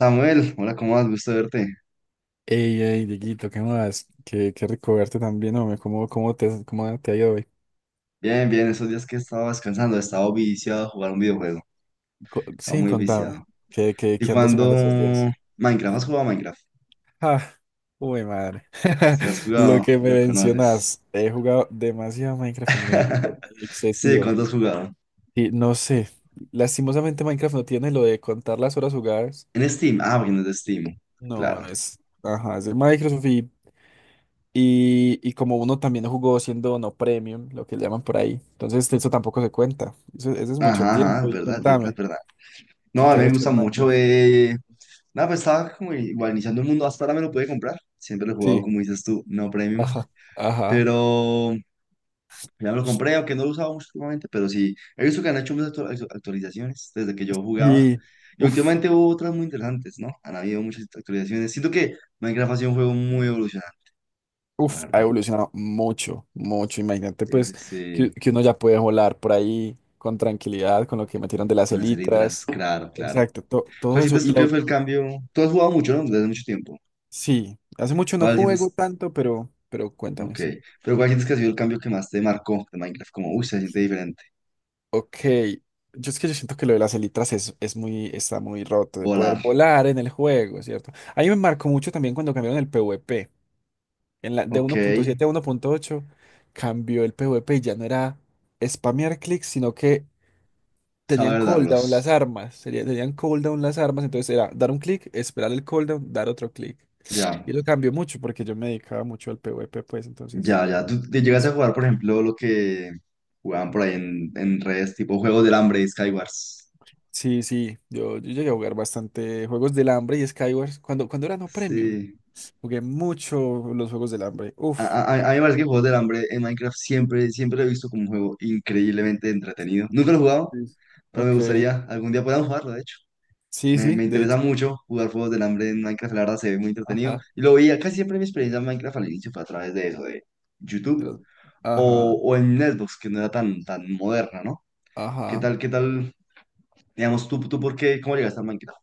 Samuel, hola, ¿cómo vas? Gusto verte. Ey, ey, Dieguito, ¿qué más? Qué rico verte también, hombre. ¿Cómo te ha ido hoy? Bien, bien, esos días que estaba descansando, estaba viciado a jugar un videojuego. Estaba Sí, muy contame. viciado. ¿Qué, qué, ¿Y qué andas jugando estos días? cuando Minecraft? ¿Has jugado a Minecraft? Ah, uy, madre. Si has Lo jugado, que me lo conoces. mencionas, he jugado demasiado Minecraft en mi vida, pero Sí, excesivo. ¿cuándo has jugado? Y no sé, lastimosamente Minecraft no tiene lo de contar las horas jugadas. En Steam. Ah, porque no es de Steam. No, Claro. Ajá, es de Microsoft. Y como uno también jugó siendo no premium, lo que llaman por ahí, entonces eso tampoco se cuenta. Eso es mucho Ajá, ajá, tiempo. es Y verdad, es verdad, es contame, verdad. ¿qué, No, a qué mí has me hecho gusta en mucho. Minecraft? Nada, pues estaba como igual iniciando el mundo. Hasta ahora me lo pude comprar. Siempre lo he jugado, Sí, como dices tú, no premium. ajá, ajá. Pero. Ya me lo compré, aunque no lo usaba mucho últimamente, pero sí, he visto que han hecho muchas actualizaciones desde que yo jugaba. Y Y uff, últimamente hubo otras muy interesantes, ¿no? Han habido muchas actualizaciones. Siento que Minecraft ha sido un juego muy evolucionante, la uff, ha verdad. evolucionado mucho, mucho. Imagínate, Sí, sí, pues, que, sí. que uno ya puede volar por ahí con tranquilidad, con lo que metieron de las Una serie tras, elitras. claro, claro. Exacto, ¿Cuál todo eso. sientes tú que fue el cambio? Tú has jugado mucho, ¿no? Desde hace mucho tiempo. Sí, hace mucho no ¿Cuál juego sientes? tanto, pero cuéntame. Ok. Pero ¿cuál sientes que ha sido el cambio que más te marcó de Minecraft? Como, uy, se siente diferente. Ok, yo es que yo siento que lo de las elitras es muy, está muy roto de poder Volar. volar en el juego, ¿cierto? Ahí me marcó mucho también cuando cambiaron el PvP. En la, de Ok. 1.7 a 1.8, cambió el PvP y ya no era spamear clics, sino que tenían Saber cooldown las darlos. armas. Tenían cooldown las armas, entonces era dar un clic, esperar el cooldown, dar otro clic. Ya. Y lo cambió mucho porque yo me dedicaba mucho al PvP, pues entonces Ya, ya. ¿Tú te lo llegas hice. a jugar, por ejemplo, lo que jugaban por ahí en redes, tipo Juegos del Hambre, Skywars? Sí, sí, yo llegué a jugar bastante juegos del hambre y Skywars cuando, cuando eran no premium. Sí. Jugué mucho los Juegos del Hambre. A, Uf. a- a- a mí me parece que Juegos del Hambre en Minecraft siempre, siempre lo he visto como un juego increíblemente entretenido. Nunca lo he jugado, Sí. pero me Ok. gustaría algún día podamos jugarlo, de hecho. Sí, Me, sí, me de interesa hecho. mucho jugar Juegos del Hambre en Minecraft, la verdad se ve muy entretenido. Ajá. Y lo veía casi siempre mi experiencia en Minecraft al inicio fue a través de eso, de De YouTube los. Ajá, o en Xbox, que no era tan, tan moderna, ¿no? ¿Qué ajá. tal, qué tal? Digamos, tú, ¿por qué? ¿Cómo llegaste a Minecraft?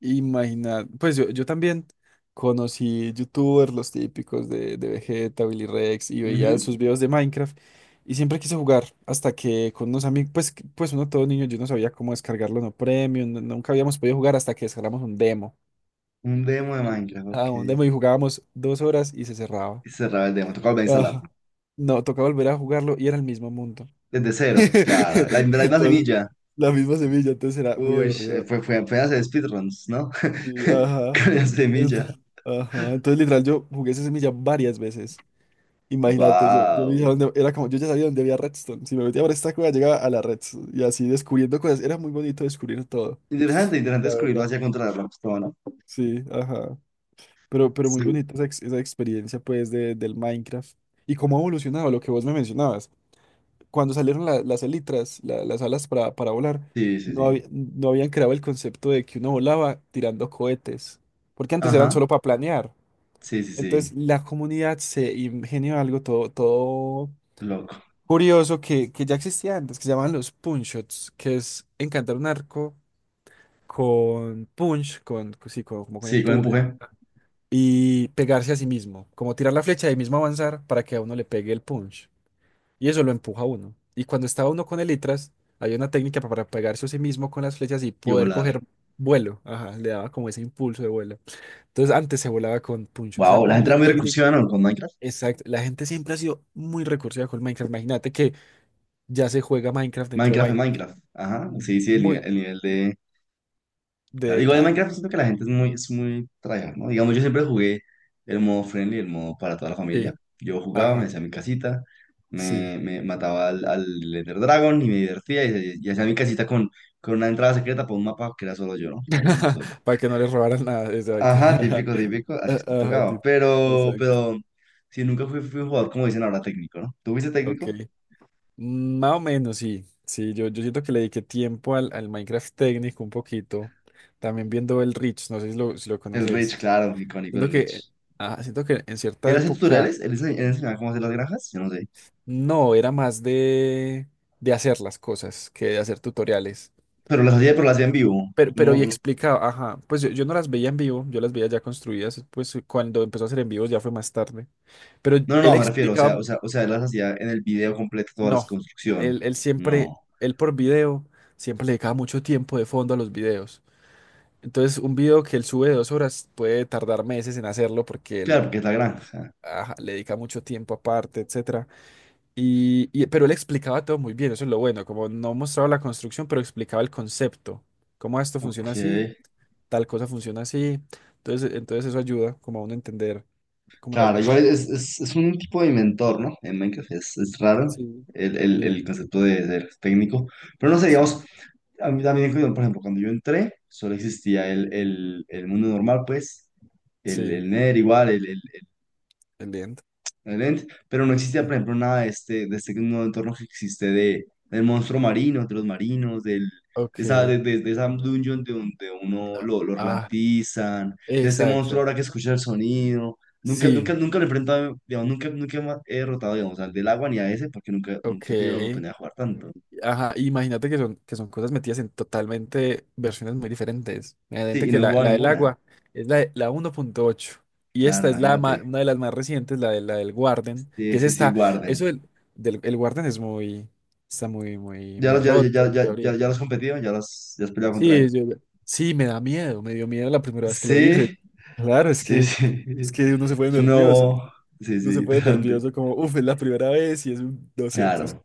Imaginar. Pues yo, también conocí youtubers, los típicos de Vegeta, Billy Rex, y Ujú. veía sus videos de Minecraft. Y siempre quise jugar hasta que con unos amigos, pues, pues uno todo niño, yo no sabía cómo descargarlo, no premium, nunca habíamos podido jugar hasta que descargamos un demo. Un demo de Y, Minecraft, ok. Un demo y jugábamos 2 horas y se cerraba. Y cerraba el demo, tocaba volver a instalarlo. Ajá. No, tocaba volver a jugarlo y era el mismo mundo. Desde cero, claro. La misma Entonces, semilla. la misma semilla, entonces era muy Uy, aburrido. fue apenas de speedruns, ¿no? Sí, ajá. Con la semilla. Entonces, ajá. Entonces, literal, yo jugué esa semilla varias veces. Imagínate, yo veía Wow. Era como, yo ya sabía dónde había redstone. Si me metía por esta cueva, llegaba a la redstone. Y así descubriendo cosas. Era muy bonito descubrir todo, Interesante, interesante la descubrirlo verdad. hacia contra la Rockstar, ¿no? Sí, ajá. Pero muy Sí. bonita esa, esa experiencia, pues, del Minecraft. Y cómo ha evolucionado lo que vos me mencionabas. Cuando salieron las elitras, las alas para volar, Sí, sí, no, sí. No habían creado el concepto de que uno volaba tirando cohetes, porque antes eran Ajá. solo para planear. Sí, sí, Entonces sí. la comunidad se ingenió algo todo Loco. curioso que ya existía antes, que se llamaban los punch shots, que es encantar un arco con punch, sí, como con Sí, con empuje, empuje y pegarse a sí mismo, como tirar la flecha y ahí mismo avanzar para que a uno le pegue el punch. Y eso lo empuja a uno. Y cuando estaba uno con elitras, había una técnica para pegarse a sí mismo con las flechas y y poder volar. coger vuelo. Ajá, le daba como ese impulso de vuelo. Entonces antes se volaba con puncho. O sea, Wow, la gente una era muy técnica. recursiva, ¿no? Con Minecraft. Exacto. La gente siempre ha sido muy recursiva con Minecraft. Imagínate que ya se juega Minecraft dentro de Minecraft es Minecraft. Minecraft. Ajá. Sí, sí, el nivel, Muy el nivel de. de Claro, igual en detalle. Minecraft siento que la gente es muy tryhard, ¿no? Digamos, yo siempre jugué el modo friendly, el modo para toda la familia. Sí. Yo jugaba, me Ajá. hacía mi casita, Sí. me mataba al Ender Dragon y me divertía y hacía mi casita con una entrada secreta para un mapa que era solo yo, ¿no? Para un mundo solo. Para que no les robaran nada. Exacto. Ajá, típico, típico, así es que Ajá, tocaba. ti- Pero, Exacto. pero, sí, nunca fui un jugador, como dicen ahora, técnico, ¿no? ¿Tú fuiste Ok. técnico? Más o menos, sí. Sí, yo siento que le dediqué tiempo al Minecraft técnico un poquito. También viendo el Rich, no sé si lo El Rich, conoces. claro, icónico Siento el que, Rich. siento que en cierta ¿Él hacía época tutoriales? ¿Él enseñaba cómo hacer las granjas? Yo no sé. no, era más de hacer las cosas que de hacer tutoriales. Pero las hacía en vivo. Pero Uno, y uno explicaba, ajá, pues yo no las veía en vivo, yo las veía ya construidas, pues cuando empezó a hacer en vivo ya fue más tarde. Pero No, no, él no, me refiero, o sea, explicaba, o sea, o sea, él las hacía en el video completo toda la no, construcción. él siempre, No. él por video, siempre le dedicaba mucho tiempo de fondo a los videos. Entonces, un video que él sube de 2 horas puede tardar meses en hacerlo porque Claro, él porque es la granja. ajá, le dedica mucho tiempo aparte, etcétera. Pero él explicaba todo muy bien, eso es lo bueno, como no mostraba la construcción, pero explicaba el concepto, cómo esto funciona Ok. así, tal cosa funciona así. Entonces, entonces eso ayuda como a uno a entender como las Claro, igual mecánicas. es un tipo de inventor, ¿no? En Minecraft es raro Sí, el sí, concepto de ser técnico. Pero no sé, sí, digamos, a mí también, por ejemplo, cuando yo entré, solo existía el mundo normal, pues, el, sí, el Nether igual, el diente. excelente, pero no existía, por Sí. ejemplo, nada de este nuevo entorno que existe del monstruo marino, de los marinos, del, Ok. De esa dungeon de donde uno Ah, lo ah, ralentizan, de este monstruo exacto. ahora que escucha el sonido. Nunca, nunca, Sí, nunca lo he enfrentado, digamos, nunca, nunca he derrotado, digamos, al del agua ni a ese, porque nunca, nunca he tenido la ok. oportunidad de jugar tanto. Ajá, imagínate que son, cosas metidas en totalmente versiones muy diferentes. Sí, Imagínate y que no he la, jugado la del ninguna. agua es la 1.8 y Claro, esta es la imagínate. una de las más recientes, la del Warden, Sí, que es sí, sí, esta. Eso guarden. del, del- el Warden es muy, muy, ¿Ya muy los, ya, roto ya, ya, en ya, teoría. ya ya los competido? ¿Ya has peleado contra? Sí, sí, me da miedo, me dio miedo la primera vez que lo hice. Sí, Claro, es sí, que, sí. es que uno se pone Es un nervioso, nuevo. Sí, sí, uno se pone interesante. nervioso como, uff, es la primera vez y es un, no sé, es, Claro.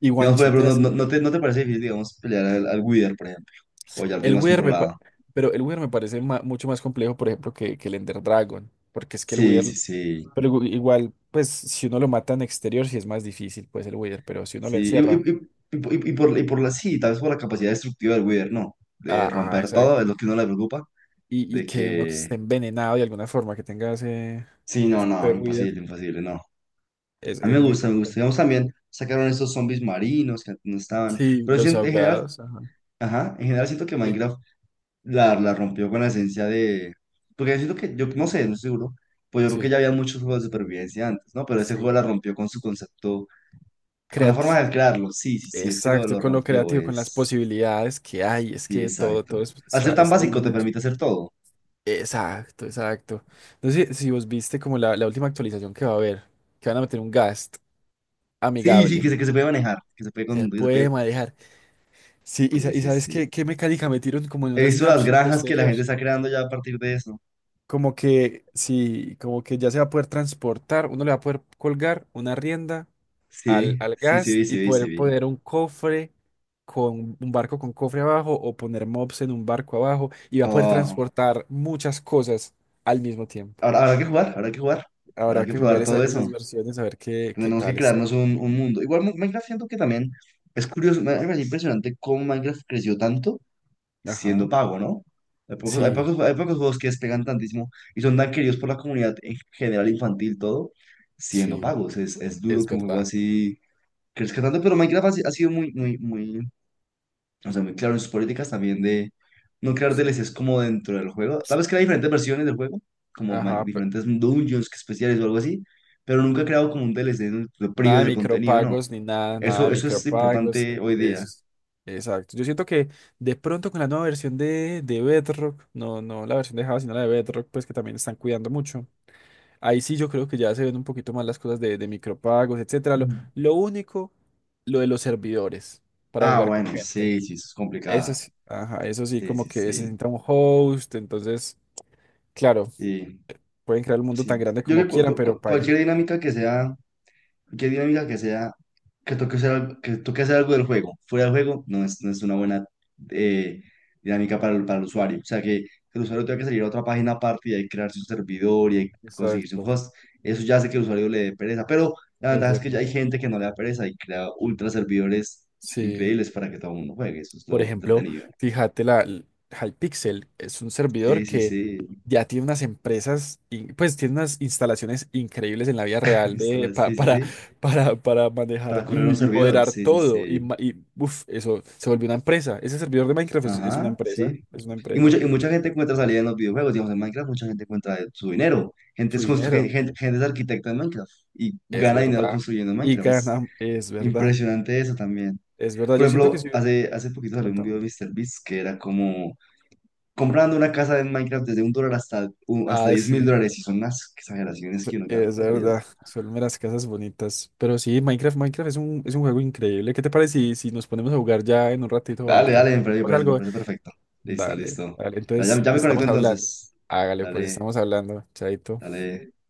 y Digamos, por ejemplo, no, guanchoteas. no, no te, no te parece difícil, digamos, pelear al Wither, por ejemplo. O ya lo tienes El más Wither me controlado. pero el Wither me parece mucho más complejo, por ejemplo, que el Ender Dragon, porque es que el Sí, Wither, sí, sí. pero igual, pues si uno lo mata en exterior, sí es más difícil, pues el Wither, pero si uno lo Sí. Encierra, Y por, y por y por la sí, tal vez por la capacidad destructiva del Wither, no. De ajá, romper todo, exacto, es lo que uno le preocupa. y De que uno que esté que. envenenado de alguna forma, que tenga ese Sí, no, efecto de no, Wither, imposible, imposible, no. es, A mí me es muy gusta, me gusta. complejo. Digamos, también sacaron estos zombies marinos que antes no estaban. Sí, Pero sí, en los en general, ahogados, ajá, ajá, en general siento que sí, Minecraft la rompió con la esencia de. Porque yo siento que, yo no sé, no estoy seguro, pues yo creo que sí, ya había muchos juegos de supervivencia antes, ¿no? Pero ese juego sí, la rompió con su concepto, con la forma creativo. de crearlo. Sí, sí, sí, es que lo, Exacto, lo con lo rompió, creativo, con las es. posibilidades que hay, es Sí, que todo, exacto. Al está, ser tan está muy básico bien te hecho. permite hacer todo. Exacto, exacto. No sé si vos viste como la última actualización que va a haber, que van a meter un Gast Sí, sí, amigable. que se puede manejar, que se puede. Se Con, que se puede puede. manejar. Sí, y, sa- Sí, y sí, sabes qué, sí. qué mecánica metieron como en He una visto las snapshot granjas que la posterior. gente está creando ya a partir de eso. Como que sí, como que ya se va a poder transportar, uno le va a poder colgar una rienda al, Sí, al sí, sí, gas vi, y sí, vi, sí, poder vi. poner un cofre con un barco con cofre abajo o poner mobs en un barco abajo y va a poder Oh, transportar muchas cosas al mismo tiempo. ahora habrá que jugar, habrá que jugar, habrá Habrá que que probar jugar esa- todo eso. esas versiones a ver qué Tenemos que tal está. crearnos un mundo. Igual Minecraft siento que también es curioso, me parece impresionante cómo Minecraft creció tanto siendo Ajá. pago, ¿no? Hay pocos, hay Sí, pocos, hay pocos juegos que despegan tantísimo y son tan queridos por la comunidad en general infantil, todo, siendo sí, pagos. Es duro es que un juego verdad. así crezca tanto, pero Minecraft ha, si- ha sido muy, muy, muy, o sea, muy claro en sus políticas también de no crear Sí. DLCs como dentro del juego. Tal vez crea diferentes versiones del juego, como Ajá, diferentes dungeons que especiales o algo así, pero nunca ha creado como un DLC donde lo nada prive de del contenido, no. micropagos ni nada, nada de Eso es micropagos. importante hoy Eso día. es- exacto. Yo siento que de pronto con la nueva versión de Bedrock, no, no la versión de Java, sino la de Bedrock, pues que también están cuidando mucho. Ahí sí yo creo que ya se ven un poquito más las cosas de micropagos, etcétera. Lo, Mm. lo único, lo de los servidores para Ah, jugar con bueno, gente. sí, sí, eso es Eso complicado. sí, ajá, eso sí, Sí, como sí, que se sí. sienta un host, entonces, claro, Sí, pueden crear el mundo tan sí. grande Yo como creo que quieran, pero paguen. cualquier dinámica que sea. Cualquier dinámica que sea, que toque hacer, que toque hacer algo del juego. Fuera del juego no es una buena eh, dinámica para el usuario. O sea, que el usuario tenga que salir a otra página aparte y ahí crear su servidor y ahí conseguir su Exacto, host. Eso ya hace que el usuario le dé pereza. Pero la es ventaja es que ya verdad. hay gente que no le da pereza y crea ultra servidores Sí, increíbles para que todo el mundo juegue. Eso es por lo ejemplo, entretenido. fíjate, Hypixel es un Sí, servidor sí, que sí. ya tiene unas empresas, pues tiene unas instalaciones increíbles en la vida real de, Sí, pa- sí, para, sí. para Para manejar correr un y servidor. moderar Sí, sí, todo. Sí. Y uf, eso se volvió una empresa. Ese servidor de Minecraft es una Ajá, empresa, sí. es una Y empresa, mucha, y mucha gente encuentra salida en los videojuegos. Digamos, en Minecraft mucha gente encuentra su dinero. Gente su es, constru- gen- dinero. gen- gente, es arquitecta en Minecraft y Es gana dinero verdad. construyendo en Y Minecraft. Es ganan. Es verdad. impresionante eso también. Es verdad. Por Yo siento que ejemplo, sí. hace poquito salió un Contame. video de Míster Beast que era como comprando una casa en Minecraft desde $1 hasta Ah, diez mil sí. dólares. Y son unas exageraciones que uno queda Es perdido. verdad. Son las casas bonitas. Pero sí, Minecraft, Minecraft es un juego increíble. ¿Qué te parece si nos ponemos a jugar ya en un ratito Dale, Minecraft? dale, me parece, me ¿Hacemos parece, me algo? parece perfecto. Listo, Dale, listo. dale. Ya, Entonces, ya me conecto estamos hablando. entonces. Hágale, pues Dale, estamos hablando. Chaito. dale.